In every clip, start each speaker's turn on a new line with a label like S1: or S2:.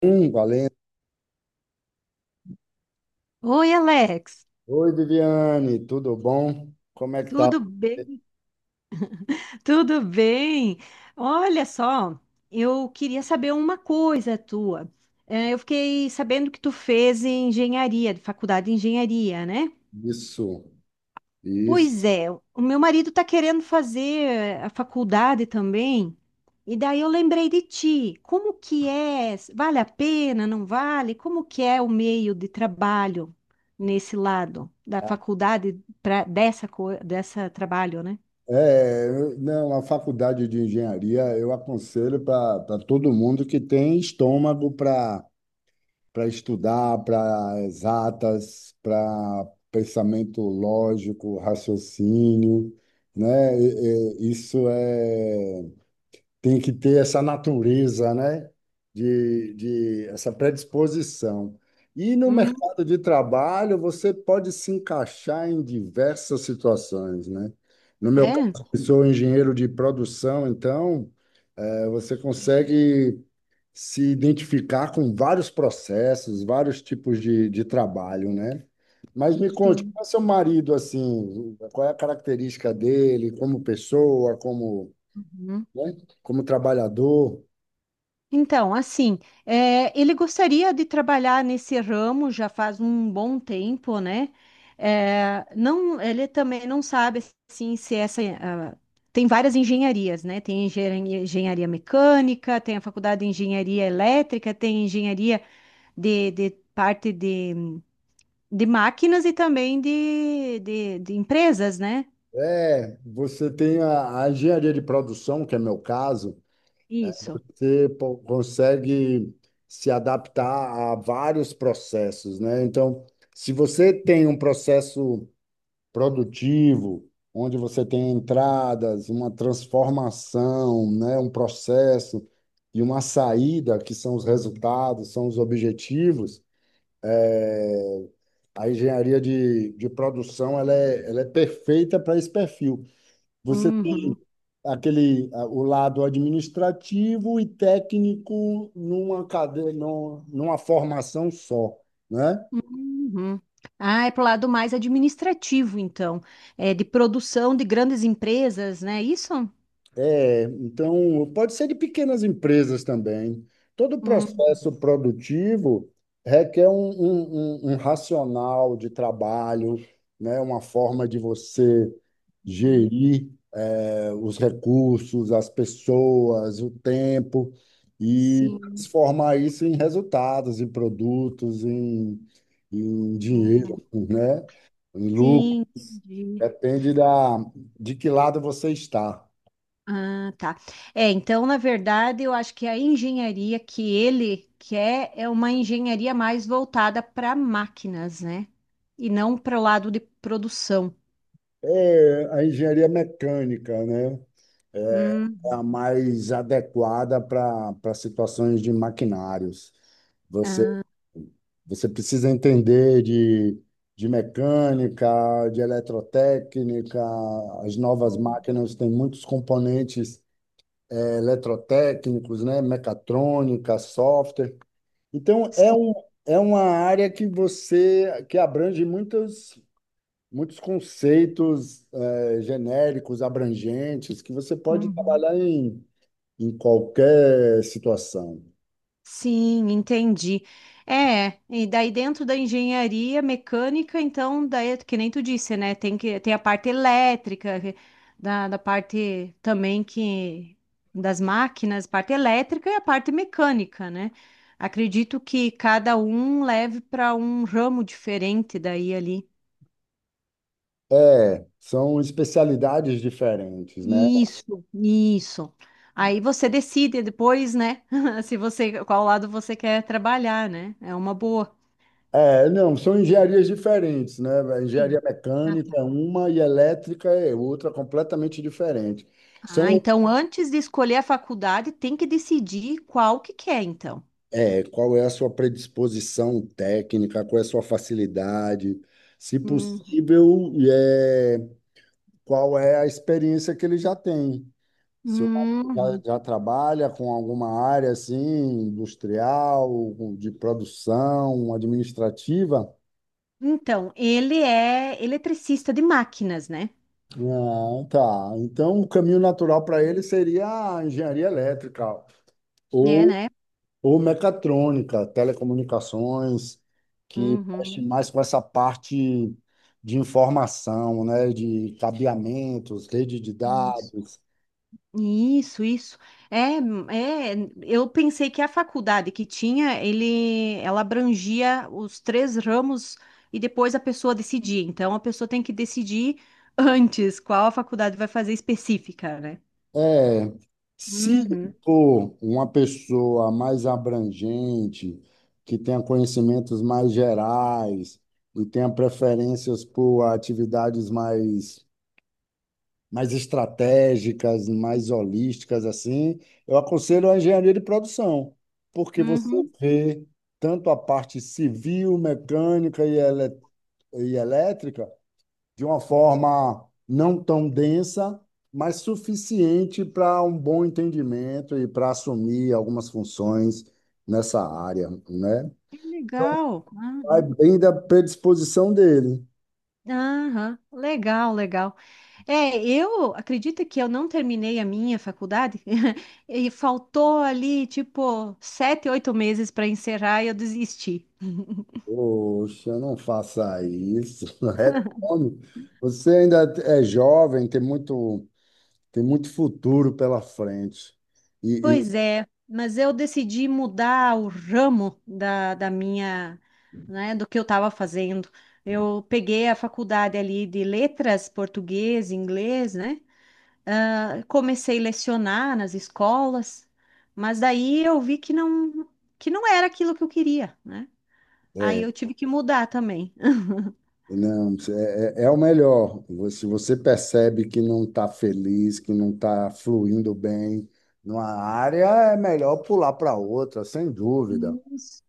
S1: Valendo.
S2: Oi, Alex,
S1: Oi, Viviane, tudo bom? Como é que tá?
S2: tudo bem? Tudo bem? Olha só, eu queria saber uma coisa tua. Eu fiquei sabendo que tu fez engenharia, faculdade de engenharia, né?
S1: Isso, isso.
S2: Pois é, o meu marido está querendo fazer a faculdade também, e daí eu lembrei de ti. Como que é? Vale a pena? Não vale? Como que é o meio de trabalho nesse lado da faculdade para dessa trabalho, né?
S1: É, não, a faculdade de engenharia eu aconselho para todo mundo que tem estômago para estudar, para exatas, para pensamento lógico, raciocínio, né? Isso é, tem que ter essa natureza, né? De essa predisposição. E no mercado de trabalho, você pode se encaixar em diversas situações, né? No meu
S2: É,
S1: caso, eu sou engenheiro de produção, então você consegue se identificar com vários processos, vários tipos de trabalho, né? Mas me conte,
S2: sim.
S1: qual é seu marido, assim, qual é a característica dele como pessoa, como,
S2: Uhum.
S1: né, como trabalhador?
S2: Então, assim, é, ele gostaria de trabalhar nesse ramo já faz um bom tempo, né? É, não, ele também não sabe assim se essa ah, tem várias engenharias, né? Tem engenharia, engenharia mecânica, tem a faculdade de engenharia elétrica, tem engenharia de parte de máquinas e também de empresas, né?
S1: É, você tem a engenharia de produção, que é meu caso,
S2: Isso.
S1: consegue se adaptar a vários processos, né? Então, se você tem um processo produtivo, onde você tem entradas, uma transformação, né? Um processo e uma saída, que são os resultados, são os objetivos, é, a engenharia de produção ela é perfeita para esse perfil. Você tem
S2: Uhum.
S1: o lado administrativo e técnico numa cadeia, numa formação só, né?
S2: Uhum. Ah, é pro lado mais administrativo, então. É de produção de grandes empresas, né? É isso?
S1: É, então pode ser de pequenas empresas também. Todo
S2: Uhum.
S1: processo produtivo requer um racional de trabalho, né? Uma forma de você gerir os recursos, as pessoas, o tempo, e
S2: Sim.
S1: transformar isso em resultados, em produtos, em
S2: Ah,
S1: dinheiro, né? Em lucro.
S2: sim, entendi.
S1: Depende de que lado você está.
S2: Ah, tá. É, então, na verdade, eu acho que a engenharia que ele quer é uma engenharia mais voltada para máquinas, né? E não para o lado de produção.
S1: É, a engenharia mecânica, né? É
S2: Uhum.
S1: a mais adequada para situações de maquinários. Você Você precisa entender de mecânica, de eletrotécnica, as novas máquinas têm muitos componentes eletrotécnicos, né? Mecatrônica, software. Então,
S2: Sim.
S1: é uma área que abrange muitos, muitos conceitos genéricos, abrangentes, que você pode
S2: Uhum.
S1: trabalhar em, em qualquer situação.
S2: Sim, entendi. É, e daí dentro da engenharia mecânica, então, daí, que nem tu disse, né? Tem a parte elétrica, da parte também que das máquinas, parte elétrica e a parte mecânica, né? Acredito que cada um leve para um ramo diferente daí ali.
S1: É, são especialidades diferentes, né?
S2: Isso, isso. Aí você decide depois, né? Se você, qual lado você quer trabalhar, né? É uma boa.
S1: É, não, são engenharias diferentes, né? A engenharia
S2: Sim.
S1: mecânica é uma e elétrica é outra, completamente diferente.
S2: Ah,
S1: São,
S2: então antes de escolher a faculdade, tem que decidir qual que quer, então.
S1: é, qual é a sua predisposição técnica, qual é a sua facilidade, se
S2: Hum.
S1: possível, é, qual é a experiência que ele já tem. Se o marido
S2: Uhum.
S1: já trabalha com alguma área assim, industrial, de produção, administrativa.
S2: Então, ele é eletricista de máquinas, né?
S1: Ah, tá. Então, o caminho natural para ele seria a engenharia elétrica
S2: É,
S1: ou,
S2: né?
S1: ou mecatrônica, telecomunicações, que mexe
S2: Uhum.
S1: mais com essa parte de informação, né? De cabeamentos, rede de
S2: Isso.
S1: dados.
S2: Isso, isso. É, é, eu pensei que a faculdade que tinha, ele, ela abrangia os três ramos e depois a pessoa decidia. Então, a pessoa tem que decidir antes qual a faculdade vai fazer específica, né?
S1: É, se
S2: Uhum,
S1: for uma pessoa mais abrangente, que tenha conhecimentos mais gerais e tenha preferências por atividades mais estratégicas, mais holísticas, assim, eu aconselho a engenharia de produção, porque você
S2: uhum.
S1: vê tanto a parte civil, mecânica e, e elétrica de uma forma não tão densa, mas suficiente para um bom entendimento e para assumir algumas funções nessa área, né?
S2: Que legal.
S1: Vai
S2: Aham,
S1: bem da predisposição dele.
S2: aham. Legal, legal. É, eu acredito que eu não terminei a minha faculdade e faltou ali, tipo, 7, 8 meses para encerrar e eu desisti.
S1: Poxa, não faça isso. Retome. Você ainda é jovem, tem muito futuro pela frente. E,
S2: Pois é, mas eu decidi mudar o ramo da minha, né, do que eu estava fazendo. Eu peguei a faculdade ali de letras, português, inglês, né? Ah, comecei a lecionar nas escolas, mas daí eu vi que não era aquilo que eu queria, né?
S1: e,
S2: Aí
S1: é,
S2: eu tive que mudar também.
S1: não, é é o melhor. Se você percebe que não está feliz, que não está fluindo bem numa área, é melhor pular para outra, sem dúvida,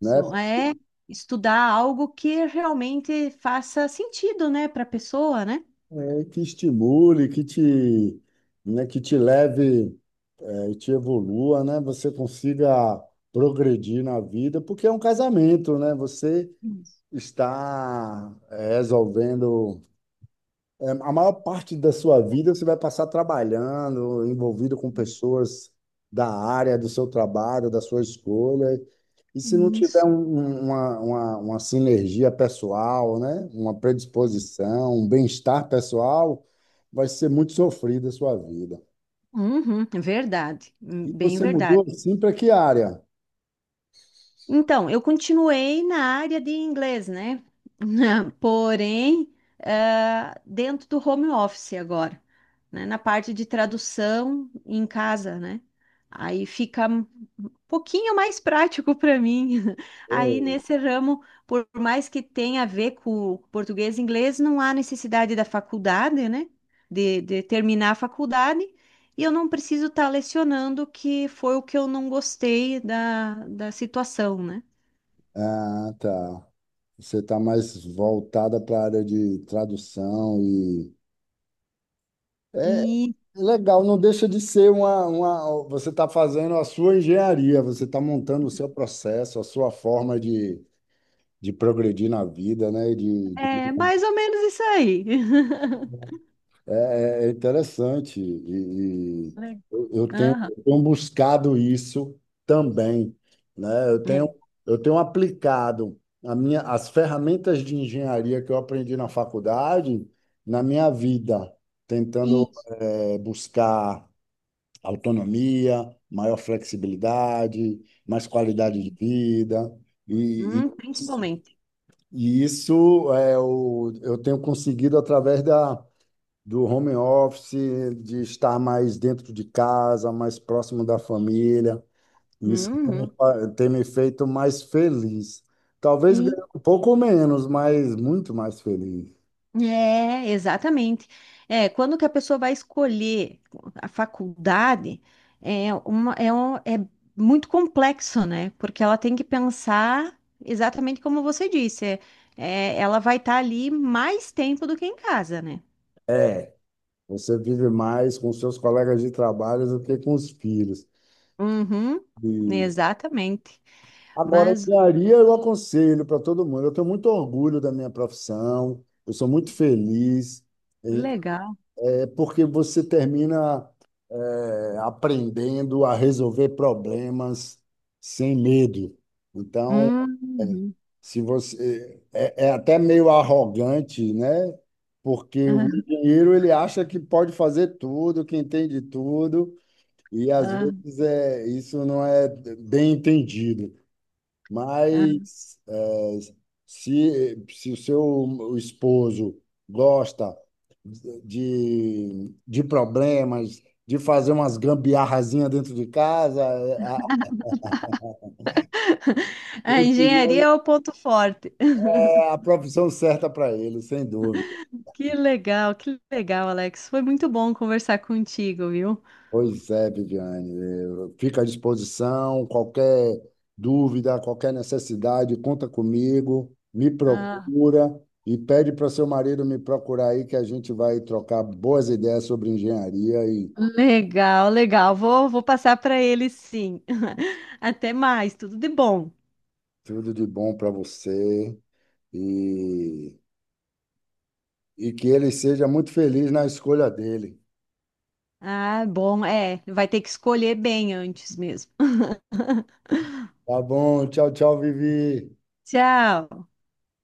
S1: né?
S2: é estudar algo que realmente faça sentido, né, para a pessoa, né?
S1: É que estimule, que te, né, que te leve. A gente evolua, né? Você consiga progredir na vida, porque é um casamento, né? Você
S2: Isso.
S1: está resolvendo a maior parte da sua vida você vai passar trabalhando, envolvido com pessoas da área do seu trabalho, da sua escolha. E se não tiver
S2: Isso.
S1: uma sinergia pessoal, né? Uma predisposição, um bem-estar pessoal, vai ser muito sofrida a sua vida.
S2: Uhum, verdade,
S1: E
S2: bem
S1: você mudou
S2: verdade.
S1: assim para que área?
S2: Então, eu continuei na área de inglês, né? Porém, ah, dentro do home office agora, né? Na parte de tradução em casa, né? Aí fica um pouquinho mais prático para mim. Aí
S1: Hum.
S2: nesse ramo, por mais que tenha a ver com português e inglês, não há necessidade da faculdade, né? De terminar a faculdade. E eu não preciso estar lecionando, que foi o que eu não gostei da situação, né?
S1: Ah, tá. Você está mais voltada para a área de tradução e é
S2: E
S1: legal, não deixa de ser uma... Você está fazendo a sua engenharia, você está montando o seu processo, a sua forma de progredir na vida, né? De.
S2: é mais ou menos isso aí.
S1: É, é é interessante. E
S2: Le- Aham.
S1: eu tenho buscado isso também, né?
S2: É.
S1: Eu tenho aplicado a minha, as ferramentas de engenharia que eu aprendi na faculdade na minha vida, tentando,
S2: Isso.
S1: eh, buscar autonomia, maior flexibilidade, mais qualidade de vida. E, e,
S2: Principalmente.
S1: e isso é, eu tenho conseguido através da do home office, de estar mais dentro de casa, mais próximo da família. Isso
S2: Uhum.
S1: tem me feito mais feliz. Talvez
S2: E,
S1: ganhando um pouco menos, mas muito mais feliz.
S2: é, exatamente. É, quando que a pessoa vai escolher a faculdade, é muito complexo, né? Porque ela tem que pensar exatamente como você disse. É, é, ela vai estar ali mais tempo do que em casa, né?
S1: É, você vive mais com seus colegas de trabalho do que com os filhos.
S2: Uhum,
S1: E
S2: exatamente.
S1: agora,
S2: Mas
S1: engenharia eu aconselho para todo mundo. Eu tenho muito orgulho da minha profissão, eu sou muito feliz.
S2: legal.
S1: É porque você termina aprendendo a resolver problemas sem medo. Então, eh,
S2: Uhum.
S1: se você é, é até meio arrogante, né? Porque o
S2: Ah,
S1: engenheiro ele acha que pode fazer tudo, que entende tudo, e às
S2: ah.
S1: vezes é, isso não é bem entendido.
S2: Ah.
S1: Mas é, se o seu esposo gosta de problemas, de fazer umas gambiarrazinhas dentro de casa,
S2: A
S1: eu
S2: engenharia
S1: diria
S2: é o ponto forte.
S1: que é a profissão certa para ele, sem dúvida.
S2: Que legal, Alex. Foi muito bom conversar contigo, viu?
S1: Pois é, Viviane. Eu fico à disposição. Qualquer dúvida, qualquer necessidade, conta comigo, me
S2: Ah,
S1: procura e pede para seu marido me procurar aí, que a gente vai trocar boas ideias sobre engenharia. E
S2: legal, legal. Vou, vou passar para ele, sim. Até mais, tudo de bom.
S1: tudo de bom para você. E, e que ele seja muito feliz na escolha dele.
S2: Ah, bom, é. Vai ter que escolher bem antes mesmo.
S1: Tá bom? Tchau, tchau, Vivi.
S2: Tchau.